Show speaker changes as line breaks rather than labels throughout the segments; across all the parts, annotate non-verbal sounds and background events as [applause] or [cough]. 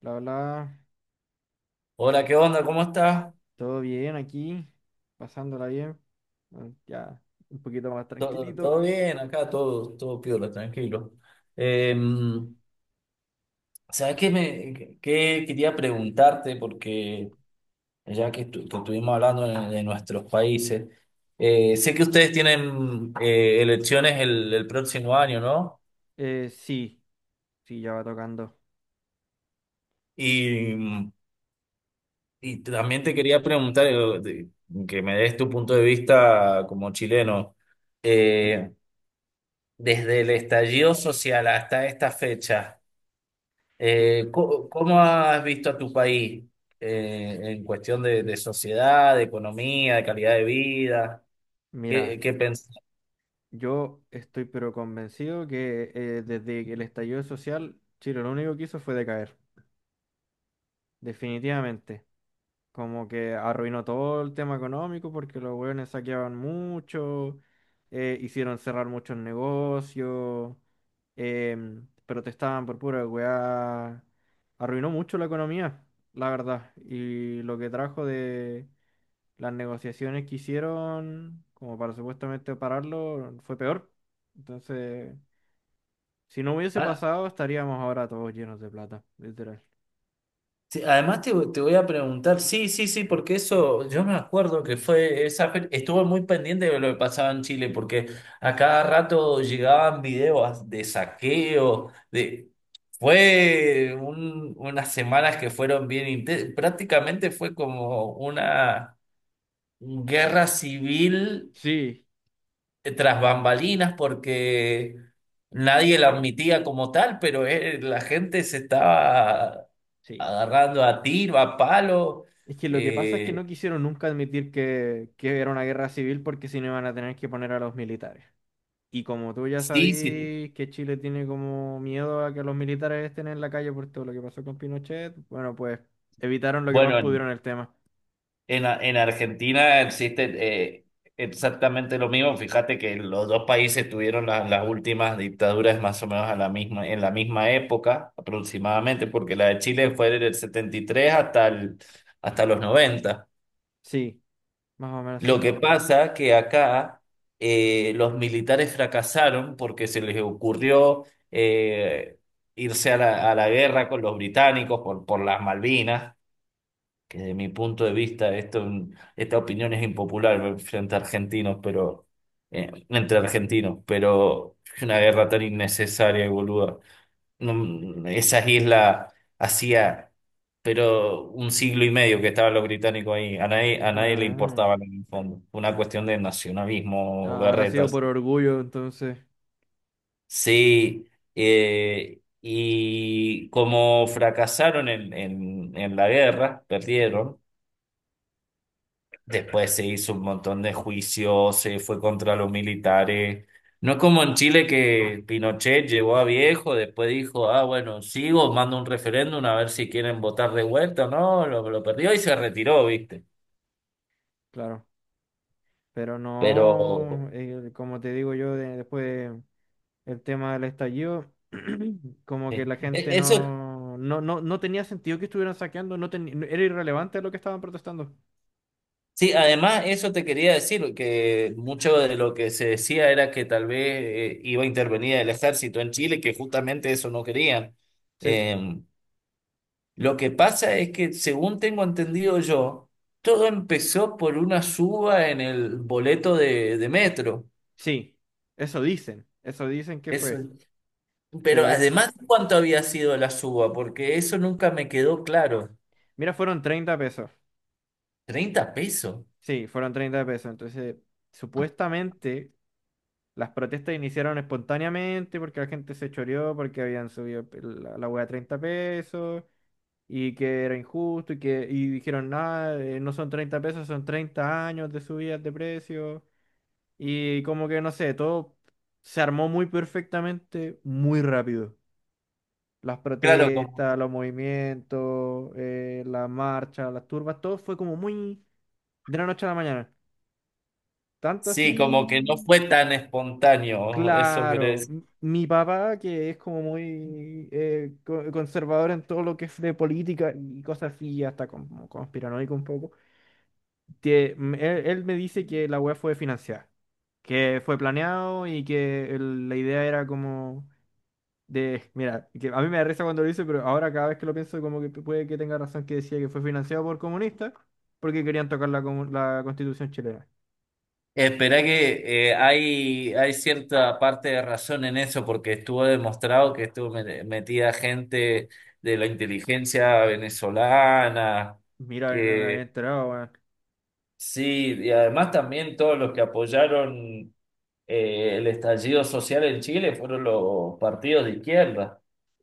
Bla, bla,
Hola, ¿qué onda? ¿Cómo estás?
todo bien aquí, pasándola bien, bueno, ya un poquito más
¿Todo,
tranquilito.
todo
Bueno.
bien acá? Todo piola, tranquilo. Eh, ¿Sabes qué, qué quería preguntarte? Porque ya que, que estuvimos hablando de nuestros países, sé que ustedes tienen elecciones el próximo año, ¿no?
Sí, sí, ya va tocando.
Y, y también te quería preguntar, que me des tu punto de vista como chileno, eh, desde el estallido social hasta esta fecha.
Uh,
¿Cómo has visto a tu país en cuestión de sociedad, de economía, de calidad de vida? ¿Qué,
Mira,
qué pensás?
yo estoy pero convencido que desde el estallido social, Chile lo único que hizo fue decaer, definitivamente. Como que arruinó todo el tema económico porque los hueones saqueaban mucho, hicieron cerrar muchos negocios, protestaban por pura weá. Arruinó mucho la economía, la verdad. Y lo que trajo de las negociaciones que hicieron, como para supuestamente pararlo, fue peor. Entonces, si no hubiese
Ah,
pasado, estaríamos ahora todos llenos de plata, literal.
sí, además te voy a preguntar, sí, sí, sí, porque eso, yo me acuerdo que fue estuve muy pendiente de lo que pasaba en Chile, porque a cada rato llegaban videos de saqueo, fue unas semanas que fueron bien intensas, prácticamente fue como una guerra civil
Sí,
tras bambalinas porque nadie la admitía como tal, pero la gente se estaba
sí.
agarrando a tiro, a palo.
Es que lo que pasa es que
Eh,
no quisieron nunca admitir que era una guerra civil porque si no iban a tener que poner a los militares. Y como tú ya
sí, sí.
sabís que Chile tiene como miedo a que los militares estén en la calle por todo lo que pasó con Pinochet, bueno, pues evitaron lo que más
Bueno,
pudieron el tema.
en Argentina existe exactamente lo mismo. Fíjate que los dos países tuvieron las últimas dictaduras más o menos en la misma época aproximadamente, porque la de Chile fue del 73 hasta los noventa.
Sí, más o menos
Lo
sí.
que pasa que acá los militares fracasaron porque se les ocurrió eh, irse a la guerra con los británicos por las Malvinas, que desde mi punto de vista esta opinión es impopular frente a argentinos, pero entre argentinos, pero es una guerra tan innecesaria y boluda. No, esas islas hacía, pero un siglo y medio que estaban los británicos ahí. A nadie le
Ah,
importaba en el fondo. Una cuestión de nacionalismo,
ah, habrá sido
berretas.
por orgullo entonces,
Sí, y como fracasaron en la guerra, perdieron. Después se hizo un montón de juicios, se fue contra los militares. No es como en Chile que Pinochet llegó a viejo, después dijo, ah, bueno, sigo, mando un referéndum a ver si quieren votar de vuelta, ¿no? Lo perdió y se retiró, ¿viste?
claro. Pero
Pero
no, como te digo yo, después el tema del estallido, [clears throat] como que la gente
eso,
no, no, no, no tenía sentido que estuvieran saqueando, era irrelevante lo que estaban protestando.
sí, además eso te quería decir, que mucho de lo que se decía era que tal vez iba a intervenir el ejército en Chile, que justamente eso no querían.
Sí,
Em, Lo que pasa es que, según tengo entendido yo, todo empezó por una suba en el boleto de metro.
sí, eso dicen que
Eso,
fue.
pero
Pero ahí, ahí-
además, ¿cuánto había sido la suba? Porque eso nunca me quedó claro.
Mira, fueron 30 pesos.
¿30 pesos?
Sí, fueron 30 pesos. Entonces, supuestamente las protestas iniciaron espontáneamente porque la gente se choreó, porque habían subido la, la hueá a 30 pesos. Y que era injusto y que y dijeron, nada, no son 30 pesos, son 30 años de subidas de precios, y como que no sé, todo se armó muy perfectamente, muy rápido. Las
Claro, como,
protestas, los movimientos, las marchas, las turbas, todo fue como muy de la noche a la mañana. Tanto
sí, como que no
así,
fue tan espontáneo, eso
claro,
querés.
mi papá, que es como muy conservador en todo lo que es de política y cosas así, hasta como conspiranoico un poco, él, me dice que la weá fue financiada, que fue planeado y que la idea era como de, mira, que a mí me da risa cuando lo dice, pero ahora cada vez que lo pienso como que puede que tenga razón, que decía que fue financiado por comunistas porque querían tocar la Constitución chilena.
Espera que hay cierta parte de razón en eso, porque estuvo demostrado que estuvo metida gente de la inteligencia venezolana,
Mira, yo no me había
que
enterado, weón.
sí, y además también todos los que apoyaron el estallido social en Chile fueron los partidos de izquierda.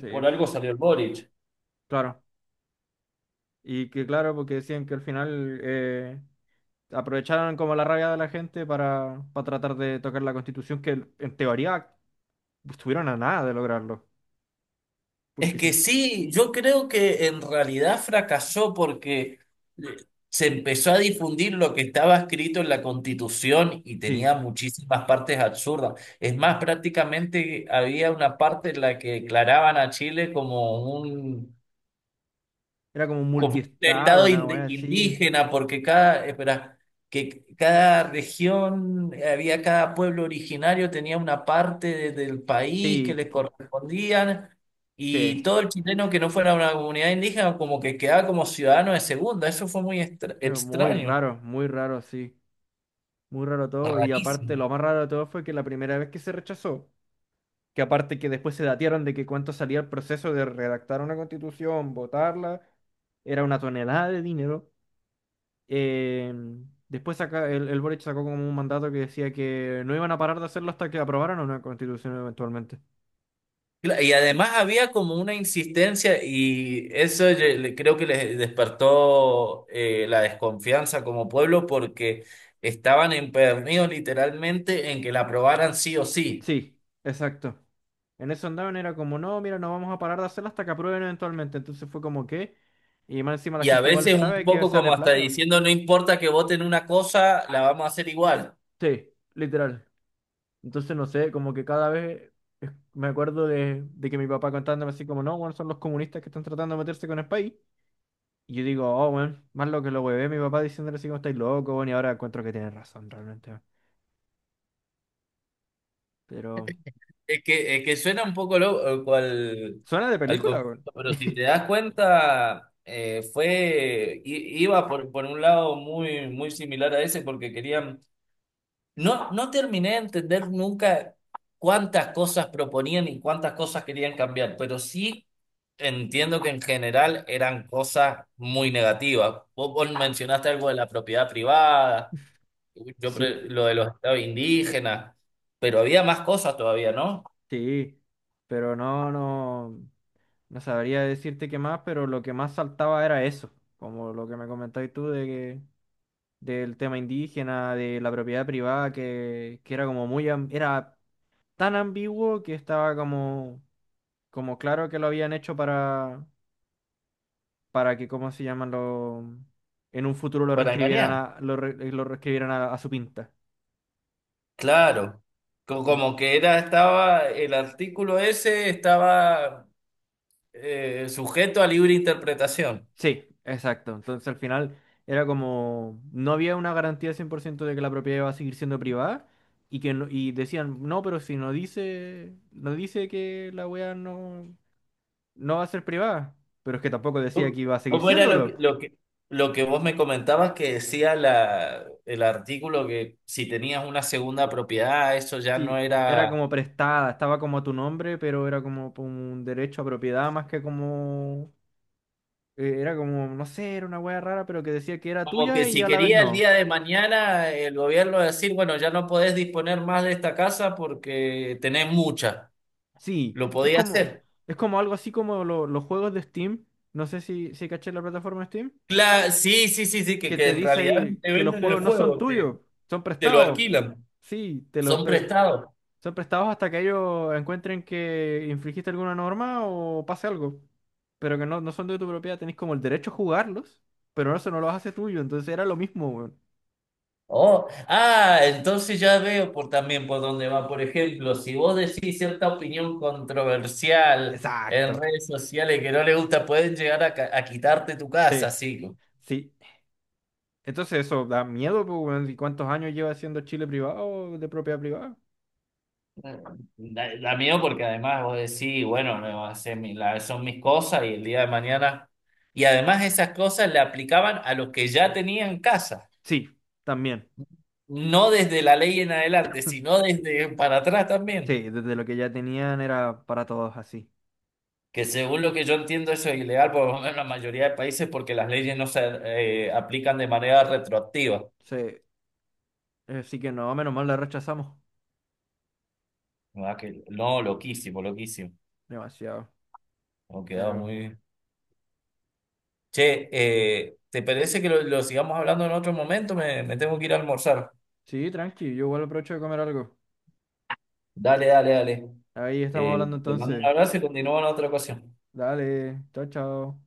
Sí,
Por algo salió el Boric.
claro. Y que claro, porque decían que al final aprovecharon como la rabia de la gente para tratar de tocar la Constitución que, en teoría, estuvieron a nada de lograrlo.
Es
Porque si,
que sí, yo creo que en realidad fracasó porque eh, se empezó a difundir lo que estaba escrito en la Constitución y
sí,
tenía muchísimas partes absurdas. Es más, prácticamente había una parte en la que declaraban a Chile
era como un
como un
multiestado,
estado
una wea así.
indígena, porque espera, que cada región, había cada pueblo originario, tenía una parte del país que
Sí,
les correspondían,
sí,
y todo el chileno que no fuera una comunidad indígena, como que quedaba como ciudadano de segunda. Eso fue muy
pero
extraño,
muy raro, sí. Muy raro todo. Y aparte,
rarísimo.
lo más raro de todo fue que la primera vez que se rechazó, que aparte que después se datearon de que cuánto salía el proceso de redactar una constitución, votarla, era una tonelada de dinero. Eh, Después saca, el Boric sacó como un mandato que decía que no iban a parar de hacerlo hasta que aprobaran una constitución eventualmente.
Y además había como una insistencia y eso yo creo que les despertó la desconfianza como pueblo porque estaban empeñados literalmente en que la aprobaran sí o sí.
Sí, exacto. En eso andaban, era como, no, mira, no vamos a parar de hacerla hasta que aprueben eventualmente. Entonces fue como que, y más encima la
Y a
gente igual
veces un
sabe que
poco
sale
como hasta
plata.
diciendo, no importa que voten una cosa, la vamos a hacer igual.
Sí, literal. Entonces no sé, como que cada vez me acuerdo de, que mi papá contándome así como, no, bueno, son los comunistas que están tratando de meterse con el país. Y yo digo, oh, bueno, más lo que lo huevé, mi papá diciéndole así como estáis locos, bueno, y ahora encuentro que tiene razón realmente, weón. Pero,
Es que suena un poco loco al,
suena de
al
película, weón.
conflicto, pero si te das cuenta, iba por un lado muy, muy similar a ese porque querían. No, no terminé de entender nunca cuántas cosas proponían y cuántas cosas querían cambiar, pero sí entiendo que en general eran cosas muy negativas. Vos mencionaste algo de la propiedad privada, yo
Sí,
lo de los estados indígenas, pero había más cosas todavía, ¿no?
sí, pero no, no. No sabría decirte qué más, pero lo que más saltaba era eso, como lo que me comentabas tú de que, del tema indígena, de la propiedad privada, que era como muy, era tan ambiguo que estaba como, como claro que lo habían hecho para, que, ¿cómo se llaman? Lo, en un futuro lo
Para
reescribieran
engañar.
a, lo, lo reescribieran a su pinta.
Claro. Como que el artículo ese estaba sujeto a libre interpretación.
Sí, exacto. Entonces al final era como, no había una garantía 100% de que la propiedad iba a seguir siendo privada, y que no- y decían, no, pero si no dice, no dice que la wea no, no va a ser privada, pero es que tampoco decía
¿Cómo
que iba a seguir
cómo era lo que,
siéndolo.
lo que, lo que vos me comentabas que decía el artículo, que si tenías una segunda propiedad, eso ya no
Sí, era
era...
como prestada, estaba como a tu nombre, pero era como por un derecho a propiedad más que como, era como, no sé, era una wea rara, pero que decía que era
Como que
tuya y
si
a la vez
quería el
no.
día de mañana el gobierno decir, bueno, ya no podés disponer más de esta casa porque tenés mucha.
Sí,
Lo podía hacer.
es como algo así como los juegos de Steam. No sé si, si caché la plataforma de Steam.
Sí, sí, sí, sí, que,
Que
que
te
en
dice
realidad no
ahí
te
que los
venden el
juegos no son
juego, te,
tuyos, son
te lo
prestados.
alquilan.
Sí,
Son prestados.
son prestados hasta que ellos encuentren que infringiste alguna norma o pase algo. Pero que no, no son de tu propiedad, tenés como el derecho a jugarlos, pero eso no los hace tuyo. Entonces era lo mismo, weón.
Oh, ah, entonces ya veo por también por dónde va. Por ejemplo, si vos decís cierta opinión controversial en
Exacto.
redes sociales que no le gusta, pueden llegar a quitarte tu casa,
Sí,
sí.
sí. Entonces eso da miedo, pues, weón. ¿Y cuántos años lleva siendo Chile privado de propiedad privada?
La mía, porque además vos decís, bueno, no, son mis cosas y el día de mañana. Y además esas cosas le aplicaban a los que ya tenían casa,
Sí, también.
no desde la ley en adelante, sino desde para atrás también.
Sí, desde lo que ya tenían era para todos así.
Que según lo que yo entiendo eso es ilegal, por lo menos en la mayoría de países, porque las leyes no se aplican de manera retroactiva.
Sí, así que no, menos mal la rechazamos.
¿Verdad? No, loquísimo, loquísimo.
Demasiado.
Hemos quedado
Pero
muy... Che, ¿te parece que lo sigamos hablando en otro momento? Me tengo que ir a almorzar.
sí, tranqui, yo igual aprovecho de comer algo.
Dale, dale, dale.
Ahí estamos hablando
Te mando un
entonces.
abrazo y continúa en otra ocasión.
Dale, chao, chao.